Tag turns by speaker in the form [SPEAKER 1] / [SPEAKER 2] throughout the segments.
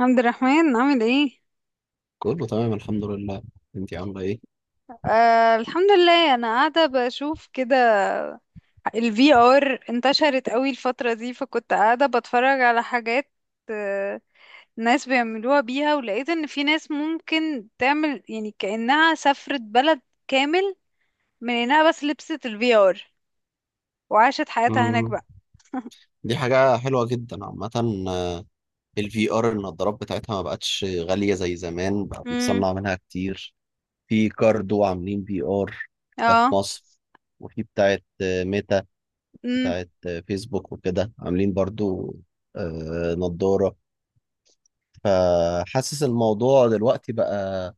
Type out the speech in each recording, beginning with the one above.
[SPEAKER 1] عبد الرحمن عامل ايه؟
[SPEAKER 2] كله تمام، الحمد لله. انتي عامله ايه؟
[SPEAKER 1] الحمد لله، انا قاعده بشوف كده. الفي ار انتشرت قوي الفتره دي، فكنت قاعده بتفرج على حاجات. آه ناس بيعملوها بيها، ولقيت ان في ناس ممكن تعمل يعني كانها سافرت بلد كامل من انها بس لبست الفي ار وعاشت حياتها هناك
[SPEAKER 2] مم.
[SPEAKER 1] بقى.
[SPEAKER 2] دي حاجه حلوه جدا عامه. الفي ار، النضارات بتاعتها ما بقتش غاليه زي زمان، بقى
[SPEAKER 1] امم
[SPEAKER 2] بنتصنع منها كتير. في كاردو عاملين في ار، ده في
[SPEAKER 1] اه
[SPEAKER 2] مصر. وفي بتاعت ميتا، بتاعت فيسبوك وكده عاملين برضو نضاره. فحاسس الموضوع دلوقتي بقى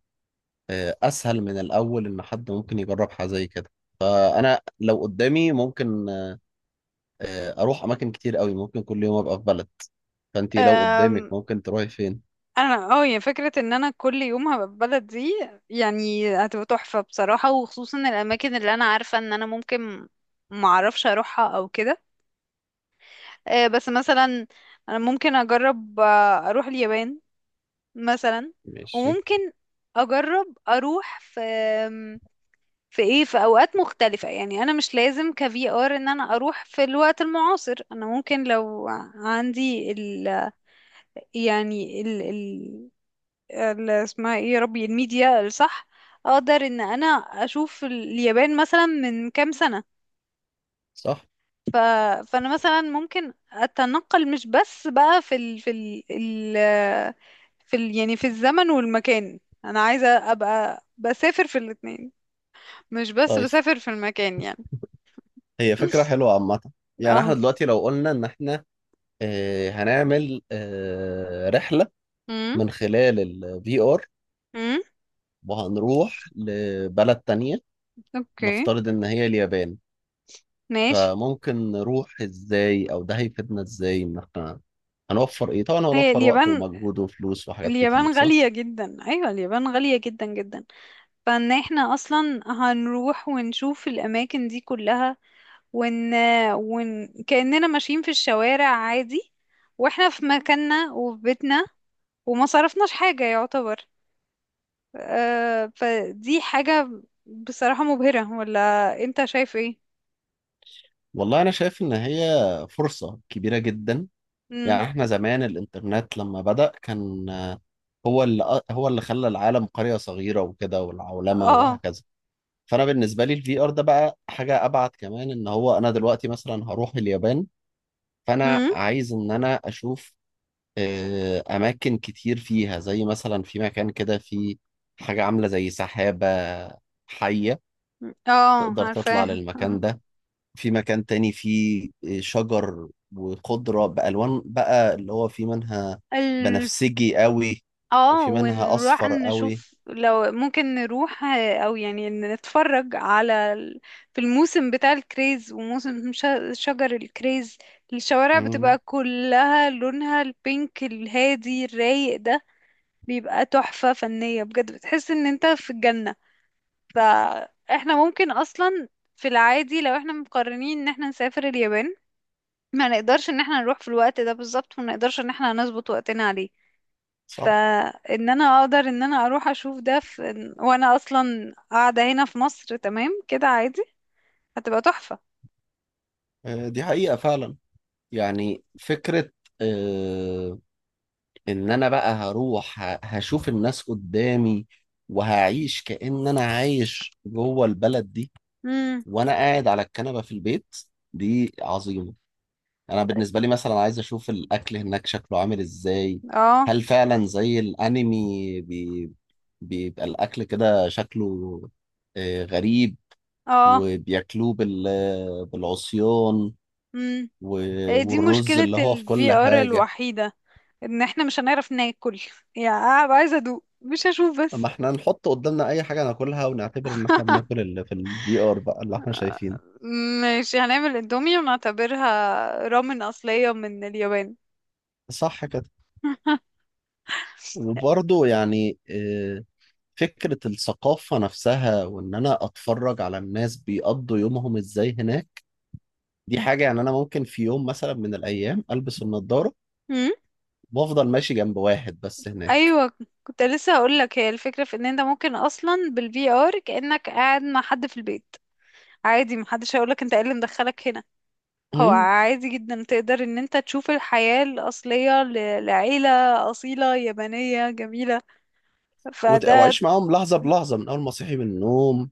[SPEAKER 2] اسهل من الاول، ان حد ممكن يجرب حاجه زي كده. فانا لو قدامي ممكن اروح اماكن كتير قوي، ممكن كل يوم ابقى في بلد. فانت لو قدامك
[SPEAKER 1] امم
[SPEAKER 2] ممكن تروحي فين؟
[SPEAKER 1] انا اه يعني فكرة ان انا كل يوم هبقى في بلد دي، يعني هتبقى تحفة بصراحة، وخصوصا الاماكن اللي انا عارفة ان انا ممكن معرفش اروحها او كده. بس مثلا انا ممكن اجرب، اروح اليابان مثلا.
[SPEAKER 2] ماشي.
[SPEAKER 1] وممكن اجرب اروح في في ايه في اوقات مختلفة. يعني انا مش لازم كفي ار ان انا اروح في الوقت المعاصر. انا ممكن لو عندي ال يعني السماعي ربي الميديا الصح، أدر إن أنا أشوف اليابان مثلاً من كم سنة.
[SPEAKER 2] صح.
[SPEAKER 1] فأنا مثلاً ممكن التنقل مش بس بقى ال... في ال يعني في الزمن والمكان. أنا عايز أبقى بس سافر في الاثنين، مش بس
[SPEAKER 2] طيب،
[SPEAKER 1] بسافر في المكان يعني.
[SPEAKER 2] هي فكرة حلوة عامة. يعني احنا
[SPEAKER 1] أوه
[SPEAKER 2] دلوقتي لو قلنا ان احنا هنعمل رحلة
[SPEAKER 1] أم
[SPEAKER 2] من خلال الفي ار،
[SPEAKER 1] أم
[SPEAKER 2] وهنروح لبلد تانية،
[SPEAKER 1] أوكي،
[SPEAKER 2] نفترض ان هي اليابان.
[SPEAKER 1] نعيش.
[SPEAKER 2] فممكن نروح ازاي، او ده هيفيدنا ازاي؟ ان احنا هنوفر ايه؟ طبعا
[SPEAKER 1] هي
[SPEAKER 2] هنوفر وقت
[SPEAKER 1] اليابان،
[SPEAKER 2] ومجهود وفلوس وحاجات كتير،
[SPEAKER 1] اليابان
[SPEAKER 2] صح.
[SPEAKER 1] غالية جدا عيالي، اليابان غالية جدا جدا. فان احنا اصلا هنروح ونشوف الاماكن دي كلها، ون... كأننا ماشيين في الشوارع عادي واحنا في مكاننا وفي بيتنا، وما صرفناش حاجة يعتبر. فدي حاجة بصراحة مبهرة، ولا انت شايف ايه؟
[SPEAKER 2] والله انا شايف ان هي فرصة كبيرة جدا.
[SPEAKER 1] مم.
[SPEAKER 2] يعني احنا زمان، الانترنت لما بدأ كان هو اللي خلى العالم قرية صغيرة وكده، والعولمة
[SPEAKER 1] اه
[SPEAKER 2] وهكذا. فأنا بالنسبة لي الفي ار ده بقى حاجة أبعد كمان، إن هو أنا دلوقتي مثلا هروح اليابان. فأنا
[SPEAKER 1] مم.
[SPEAKER 2] عايز إن أنا أشوف أماكن كتير فيها، زي مثلا في مكان كده في حاجة عاملة زي سحابة حية،
[SPEAKER 1] اه
[SPEAKER 2] تقدر تطلع
[SPEAKER 1] عارفاها.
[SPEAKER 2] للمكان ده. في مكان تاني فيه شجر وخضرة بألوان، بقى اللي هو في منها بنفسجي قوي
[SPEAKER 1] اه،
[SPEAKER 2] وفي منها
[SPEAKER 1] ونروح
[SPEAKER 2] أصفر قوي.
[SPEAKER 1] نشوف لو ممكن نروح، او يعني نتفرج على ال- في الموسم بتاع الكريز وموسم شجر الكريز. الشوارع
[SPEAKER 2] مم.
[SPEAKER 1] بتبقى كلها لونها البينك الهادي الرايق ده، بيبقى تحفة فنية بجد، بتحس ان انت في الجنة. فاحنا ممكن اصلا في العادي لو احنا مقررين ان احنا نسافر اليابان، ما نقدرش ان احنا نروح في الوقت ده بالظبط، وما نقدرش ان احنا نظبط وقتنا عليه.
[SPEAKER 2] صح.
[SPEAKER 1] فان انا اقدر ان انا اروح اشوف ده في وانا اصلا قاعده هنا في مصر تمام كده عادي، هتبقى تحفه.
[SPEAKER 2] دي حقيقة فعلا. يعني فكرة، آه، إن أنا بقى هروح هشوف الناس قدامي، وهعيش كأن أنا عايش جوه البلد دي،
[SPEAKER 1] امم
[SPEAKER 2] وأنا قاعد على الكنبة في البيت. دي عظيمة. انا بالنسبه لي مثلا عايز اشوف الاكل هناك شكله عامل ازاي.
[SPEAKER 1] اه
[SPEAKER 2] هل فعلا زي الانمي بيبقى الاكل كده شكله غريب؟
[SPEAKER 1] اه
[SPEAKER 2] وبياكلوه بالعصيان،
[SPEAKER 1] امم
[SPEAKER 2] و...
[SPEAKER 1] هي دي
[SPEAKER 2] والرز
[SPEAKER 1] مشكله
[SPEAKER 2] اللي هو في
[SPEAKER 1] الفي
[SPEAKER 2] كل
[SPEAKER 1] ار
[SPEAKER 2] حاجه.
[SPEAKER 1] الوحيده، ان احنا مش هنعرف ناكل. يعني هبقى عايزه ادوق مش هشوف
[SPEAKER 2] اما
[SPEAKER 1] بس.
[SPEAKER 2] احنا نحط قدامنا اي حاجه ناكلها ونعتبر ان احنا بناكل اللي في الفي ار بقى، اللي احنا شايفينه.
[SPEAKER 1] ماشي، هنعمل اندومي ونعتبرها رامن اصليه من اليابان.
[SPEAKER 2] صح كده. وبرضه يعني فكره الثقافه نفسها، وان انا اتفرج على الناس بيقضوا يومهم ازاي هناك. دي حاجة. يعني أنا ممكن في يوم مثلا من الأيام ألبس النضارة،
[SPEAKER 1] امم
[SPEAKER 2] وأفضل ماشي جنب واحد بس هناك.
[SPEAKER 1] ايوه، كنت لسه هقول لك. هي الفكره في ان انت ممكن اصلا بالفي ار كانك قاعد مع حد في البيت عادي، محدش هيقولك انت ايه اللي مدخلك هنا. هو
[SPEAKER 2] أمم،
[SPEAKER 1] عادي جدا تقدر ان انت تشوف الحياة الأصلية لعيلة أصيلة يابانية جميلة. فده
[SPEAKER 2] وأعيش معاهم لحظة بلحظة، من أول ما صحي من النوم،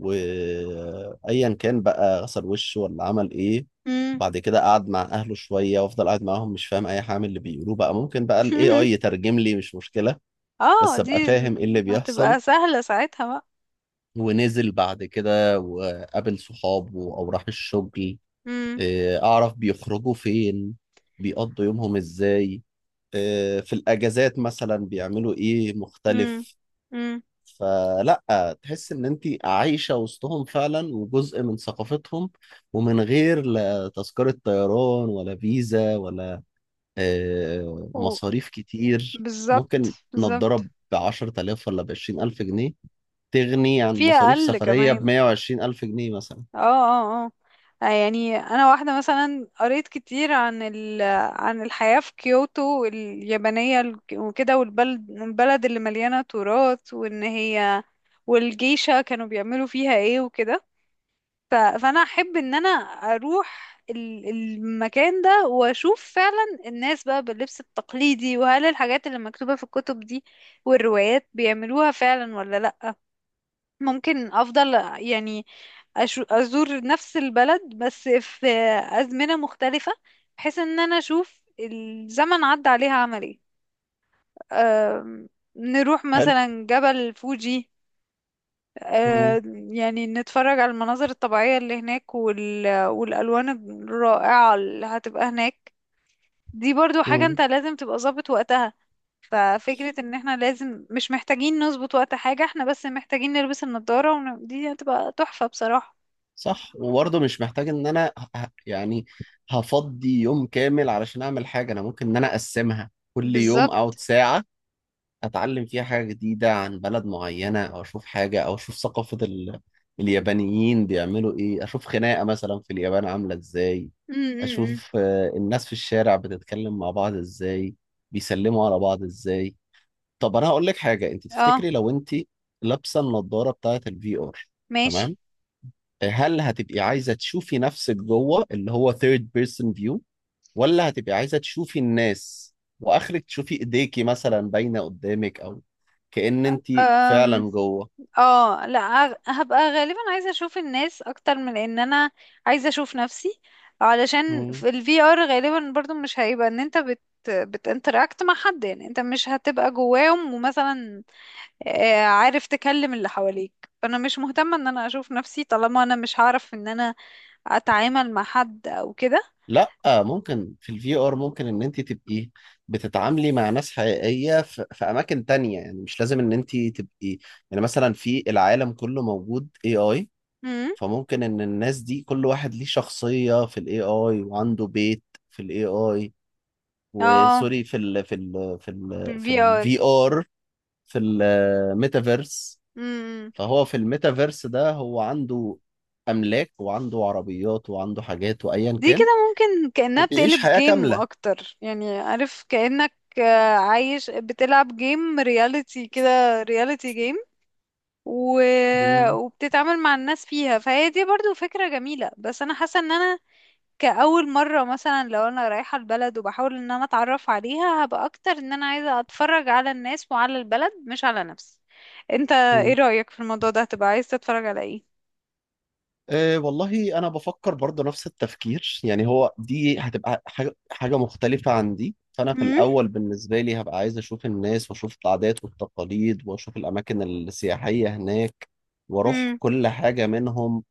[SPEAKER 2] وأيا كان بقى غسل وشه ولا عمل إيه.
[SPEAKER 1] مم.
[SPEAKER 2] بعد كده قعد مع أهله شوية، وأفضل قاعد معاهم مش فاهم أي حاجة من اللي بيقولوه. بقى ممكن بقى ال AI يترجم لي، مش مشكلة.
[SPEAKER 1] اه،
[SPEAKER 2] بس
[SPEAKER 1] دي
[SPEAKER 2] أبقى فاهم إيه اللي
[SPEAKER 1] هتبقى
[SPEAKER 2] بيحصل.
[SPEAKER 1] سهلة ساعتها بقى.
[SPEAKER 2] ونزل بعد كده وقابل صحابه أو راح الشغل.
[SPEAKER 1] مم.
[SPEAKER 2] إيه، أعرف بيخرجوا فين، بيقضوا يومهم إزاي، في الأجازات مثلا بيعملوا إيه
[SPEAKER 1] مم.
[SPEAKER 2] مختلف.
[SPEAKER 1] مم.
[SPEAKER 2] فلا، تحس إن أنت عايشة وسطهم فعلا، وجزء من ثقافتهم. ومن غير لا تذكرة طيران ولا فيزا ولا
[SPEAKER 1] و-
[SPEAKER 2] مصاريف كتير،
[SPEAKER 1] بالظبط،
[SPEAKER 2] ممكن
[SPEAKER 1] بالظبط.
[SPEAKER 2] نضرب ب10 آلاف ولا ب20 ألف جنيه. تغني عن
[SPEAKER 1] في
[SPEAKER 2] مصاريف
[SPEAKER 1] أقل
[SPEAKER 2] سفرية
[SPEAKER 1] كمان.
[SPEAKER 2] ب120 ألف جنيه مثلا.
[SPEAKER 1] اه اه اه. يعني انا واحده مثلا قريت كتير عن ال عن الحياه في كيوتو اليابانيه ال- وكده، والبلد اللي مليانه تراث وان هي، والجيشه كانوا بيعملوا فيها ايه وكده. فانا احب ان انا اروح ال- المكان ده واشوف فعلا الناس بقى باللبس التقليدي، وهل الحاجات اللي مكتوبه في الكتب دي والروايات بيعملوها فعلا ولا لا. ممكن افضل يعني، ازور نفس البلد بس في ازمنة مختلفة، بحيث ان انا اشوف الزمن عدى عليها عمل ايه. أم، نروح
[SPEAKER 2] حلو.
[SPEAKER 1] مثلا جبل فوجي.
[SPEAKER 2] مم.
[SPEAKER 1] يعني نتفرج على المناظر الطبيعية اللي هناك والالوان الرائعة اللي هتبقى هناك. دي برضو حاجة
[SPEAKER 2] مم.
[SPEAKER 1] انت لازم تبقى ظابط وقتها. ففكرة ان احنا مش محتاجين نظبط وقت حاجة، احنا بس محتاجين نلبس النضارة دي هتبقى تحفة بصراحة.
[SPEAKER 2] صح. وبرضه مش محتاج ان انا يعني هفضي يوم كامل علشان اعمل حاجه، انا ممكن ان انا اقسمها كل يوم
[SPEAKER 1] بالظبط.
[SPEAKER 2] او ساعه، اتعلم فيها حاجه جديده عن بلد معينه، او اشوف حاجه، او اشوف ثقافه اليابانيين بيعملوا ايه، اشوف خناقه مثلا في اليابان عامله ازاي،
[SPEAKER 1] م- م- م.
[SPEAKER 2] اشوف الناس في الشارع بتتكلم مع بعض ازاي، بيسلموا على بعض ازاي. طب انا هقول لك حاجه. انت
[SPEAKER 1] اه،
[SPEAKER 2] تفتكري لو انت لابسه النضاره بتاعه الفي ار،
[SPEAKER 1] ماشي.
[SPEAKER 2] تمام؟ هل هتبقي عايزة تشوفي نفسك جوه، اللي هو third person view، ولا هتبقي عايزة تشوفي الناس، واخرك تشوفي ايديكي مثلا باينة قدامك، او كأن انت فعلا
[SPEAKER 1] أم...
[SPEAKER 2] جوه؟
[SPEAKER 1] اه لا، هبقى غالبا عايزة اشوف الناس اكتر من ان انا عايزة اشوف نفسي. علشان
[SPEAKER 2] مم.
[SPEAKER 1] في ال VR غالبا برضو مش هيبقى ان انت بتinteract مع حد، يعني انت مش هتبقى جواهم ومثلا عارف تكلم اللي حواليك. فانا مش مهتمة ان انا اشوف نفسي طالما انا مش هعرف ان انا اتعامل مع حد او كده.
[SPEAKER 2] لا، ممكن في الفي ار ممكن ان انت تبقي بتتعاملي مع ناس حقيقية في اماكن تانية، يعني مش لازم ان انت تبقي. يعني مثلا في العالم كله موجود AI،
[SPEAKER 1] امم
[SPEAKER 2] فممكن ان الناس دي كل واحد ليه شخصية في الAI وعنده بيت في الAI.
[SPEAKER 1] اه
[SPEAKER 2] وسوري، في ال في ال في
[SPEAKER 1] في
[SPEAKER 2] ال
[SPEAKER 1] ال
[SPEAKER 2] في
[SPEAKER 1] VR
[SPEAKER 2] الفي ار في الميتافيرس. فهو في الميتافيرس ده، هو عنده املاك وعنده عربيات وعنده حاجات وايا
[SPEAKER 1] دي كده
[SPEAKER 2] كان،
[SPEAKER 1] ممكن كأنها
[SPEAKER 2] وبيعيش
[SPEAKER 1] بتقلب
[SPEAKER 2] حياة
[SPEAKER 1] جيم
[SPEAKER 2] كاملة.
[SPEAKER 1] أكتر يعني، عارف كأنك عايش بتلعب جيم رياليتي كده، رياليتي جيم. و...
[SPEAKER 2] مم.
[SPEAKER 1] وبتتعامل مع الناس فيها، فهي دي برضو فكرة جميلة. بس أنا حاسة إن أنا كأول مرة مثلا لو أنا رايحة البلد وبحاول إن أنا أتعرف عليها، هبقى أكتر إن أنا عايزة أتفرج على الناس وعلى البلد مش على نفسي. أنت إيه
[SPEAKER 2] مم.
[SPEAKER 1] رأيك في الموضوع ده، هتبقى عايز تتفرج على إيه؟
[SPEAKER 2] أه والله انا بفكر برضه نفس التفكير. يعني هو دي هتبقى حاجة مختلفة عن دي. فانا في
[SPEAKER 1] مم؟
[SPEAKER 2] الاول بالنسبة لي هبقى عايز اشوف الناس، واشوف العادات والتقاليد، واشوف الاماكن السياحية هناك، واروح
[SPEAKER 1] مم.
[SPEAKER 2] كل حاجة منهم.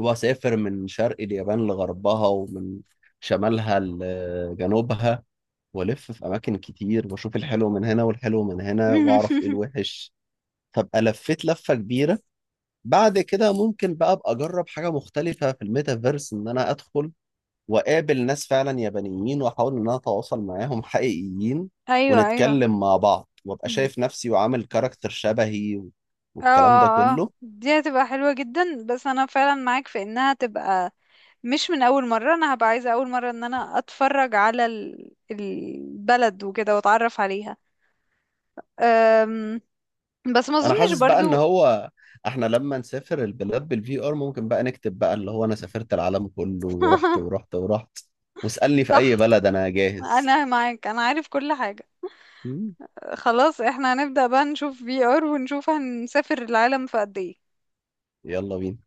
[SPEAKER 2] هو سافر من شرق اليابان لغربها، ومن شمالها لجنوبها، والف في اماكن كتير، واشوف الحلو من هنا والحلو من هنا، واعرف ايه الوحش. فابقى لفيت لفه كبيره. بعد كده ممكن بقى ابقى اجرب حاجه مختلفه في الميتافيرس، ان انا ادخل واقابل ناس فعلا يابانيين، واحاول ان انا اتواصل معاهم حقيقيين،
[SPEAKER 1] ايوه ايوه.
[SPEAKER 2] ونتكلم مع بعض، وابقى شايف نفسي وعامل كاركتر شبهي
[SPEAKER 1] اه
[SPEAKER 2] والكلام ده
[SPEAKER 1] اه اه،
[SPEAKER 2] كله.
[SPEAKER 1] دي هتبقى حلوة جدا. بس انا فعلا معاك في انها تبقى مش من اول مرة. انا هبقى عايزة اول مرة ان انا اتفرج على ال- البلد وكده واتعرف عليها. أم، بس ما
[SPEAKER 2] انا
[SPEAKER 1] اظنش
[SPEAKER 2] حاسس بقى ان
[SPEAKER 1] برضو.
[SPEAKER 2] هو، احنا لما نسافر البلاد بالفي ار ممكن بقى نكتب بقى اللي هو انا سافرت العالم كله ورحت ورحت ورحت، واسألني في اي
[SPEAKER 1] صح،
[SPEAKER 2] بلد انا جاهز.
[SPEAKER 1] انا معاك، انا عارف كل حاجة.
[SPEAKER 2] مم.
[SPEAKER 1] خلاص، احنا هنبدأ بقى نشوف في ار ونشوف هنسافر العالم في قد ايه.
[SPEAKER 2] يلا بينا.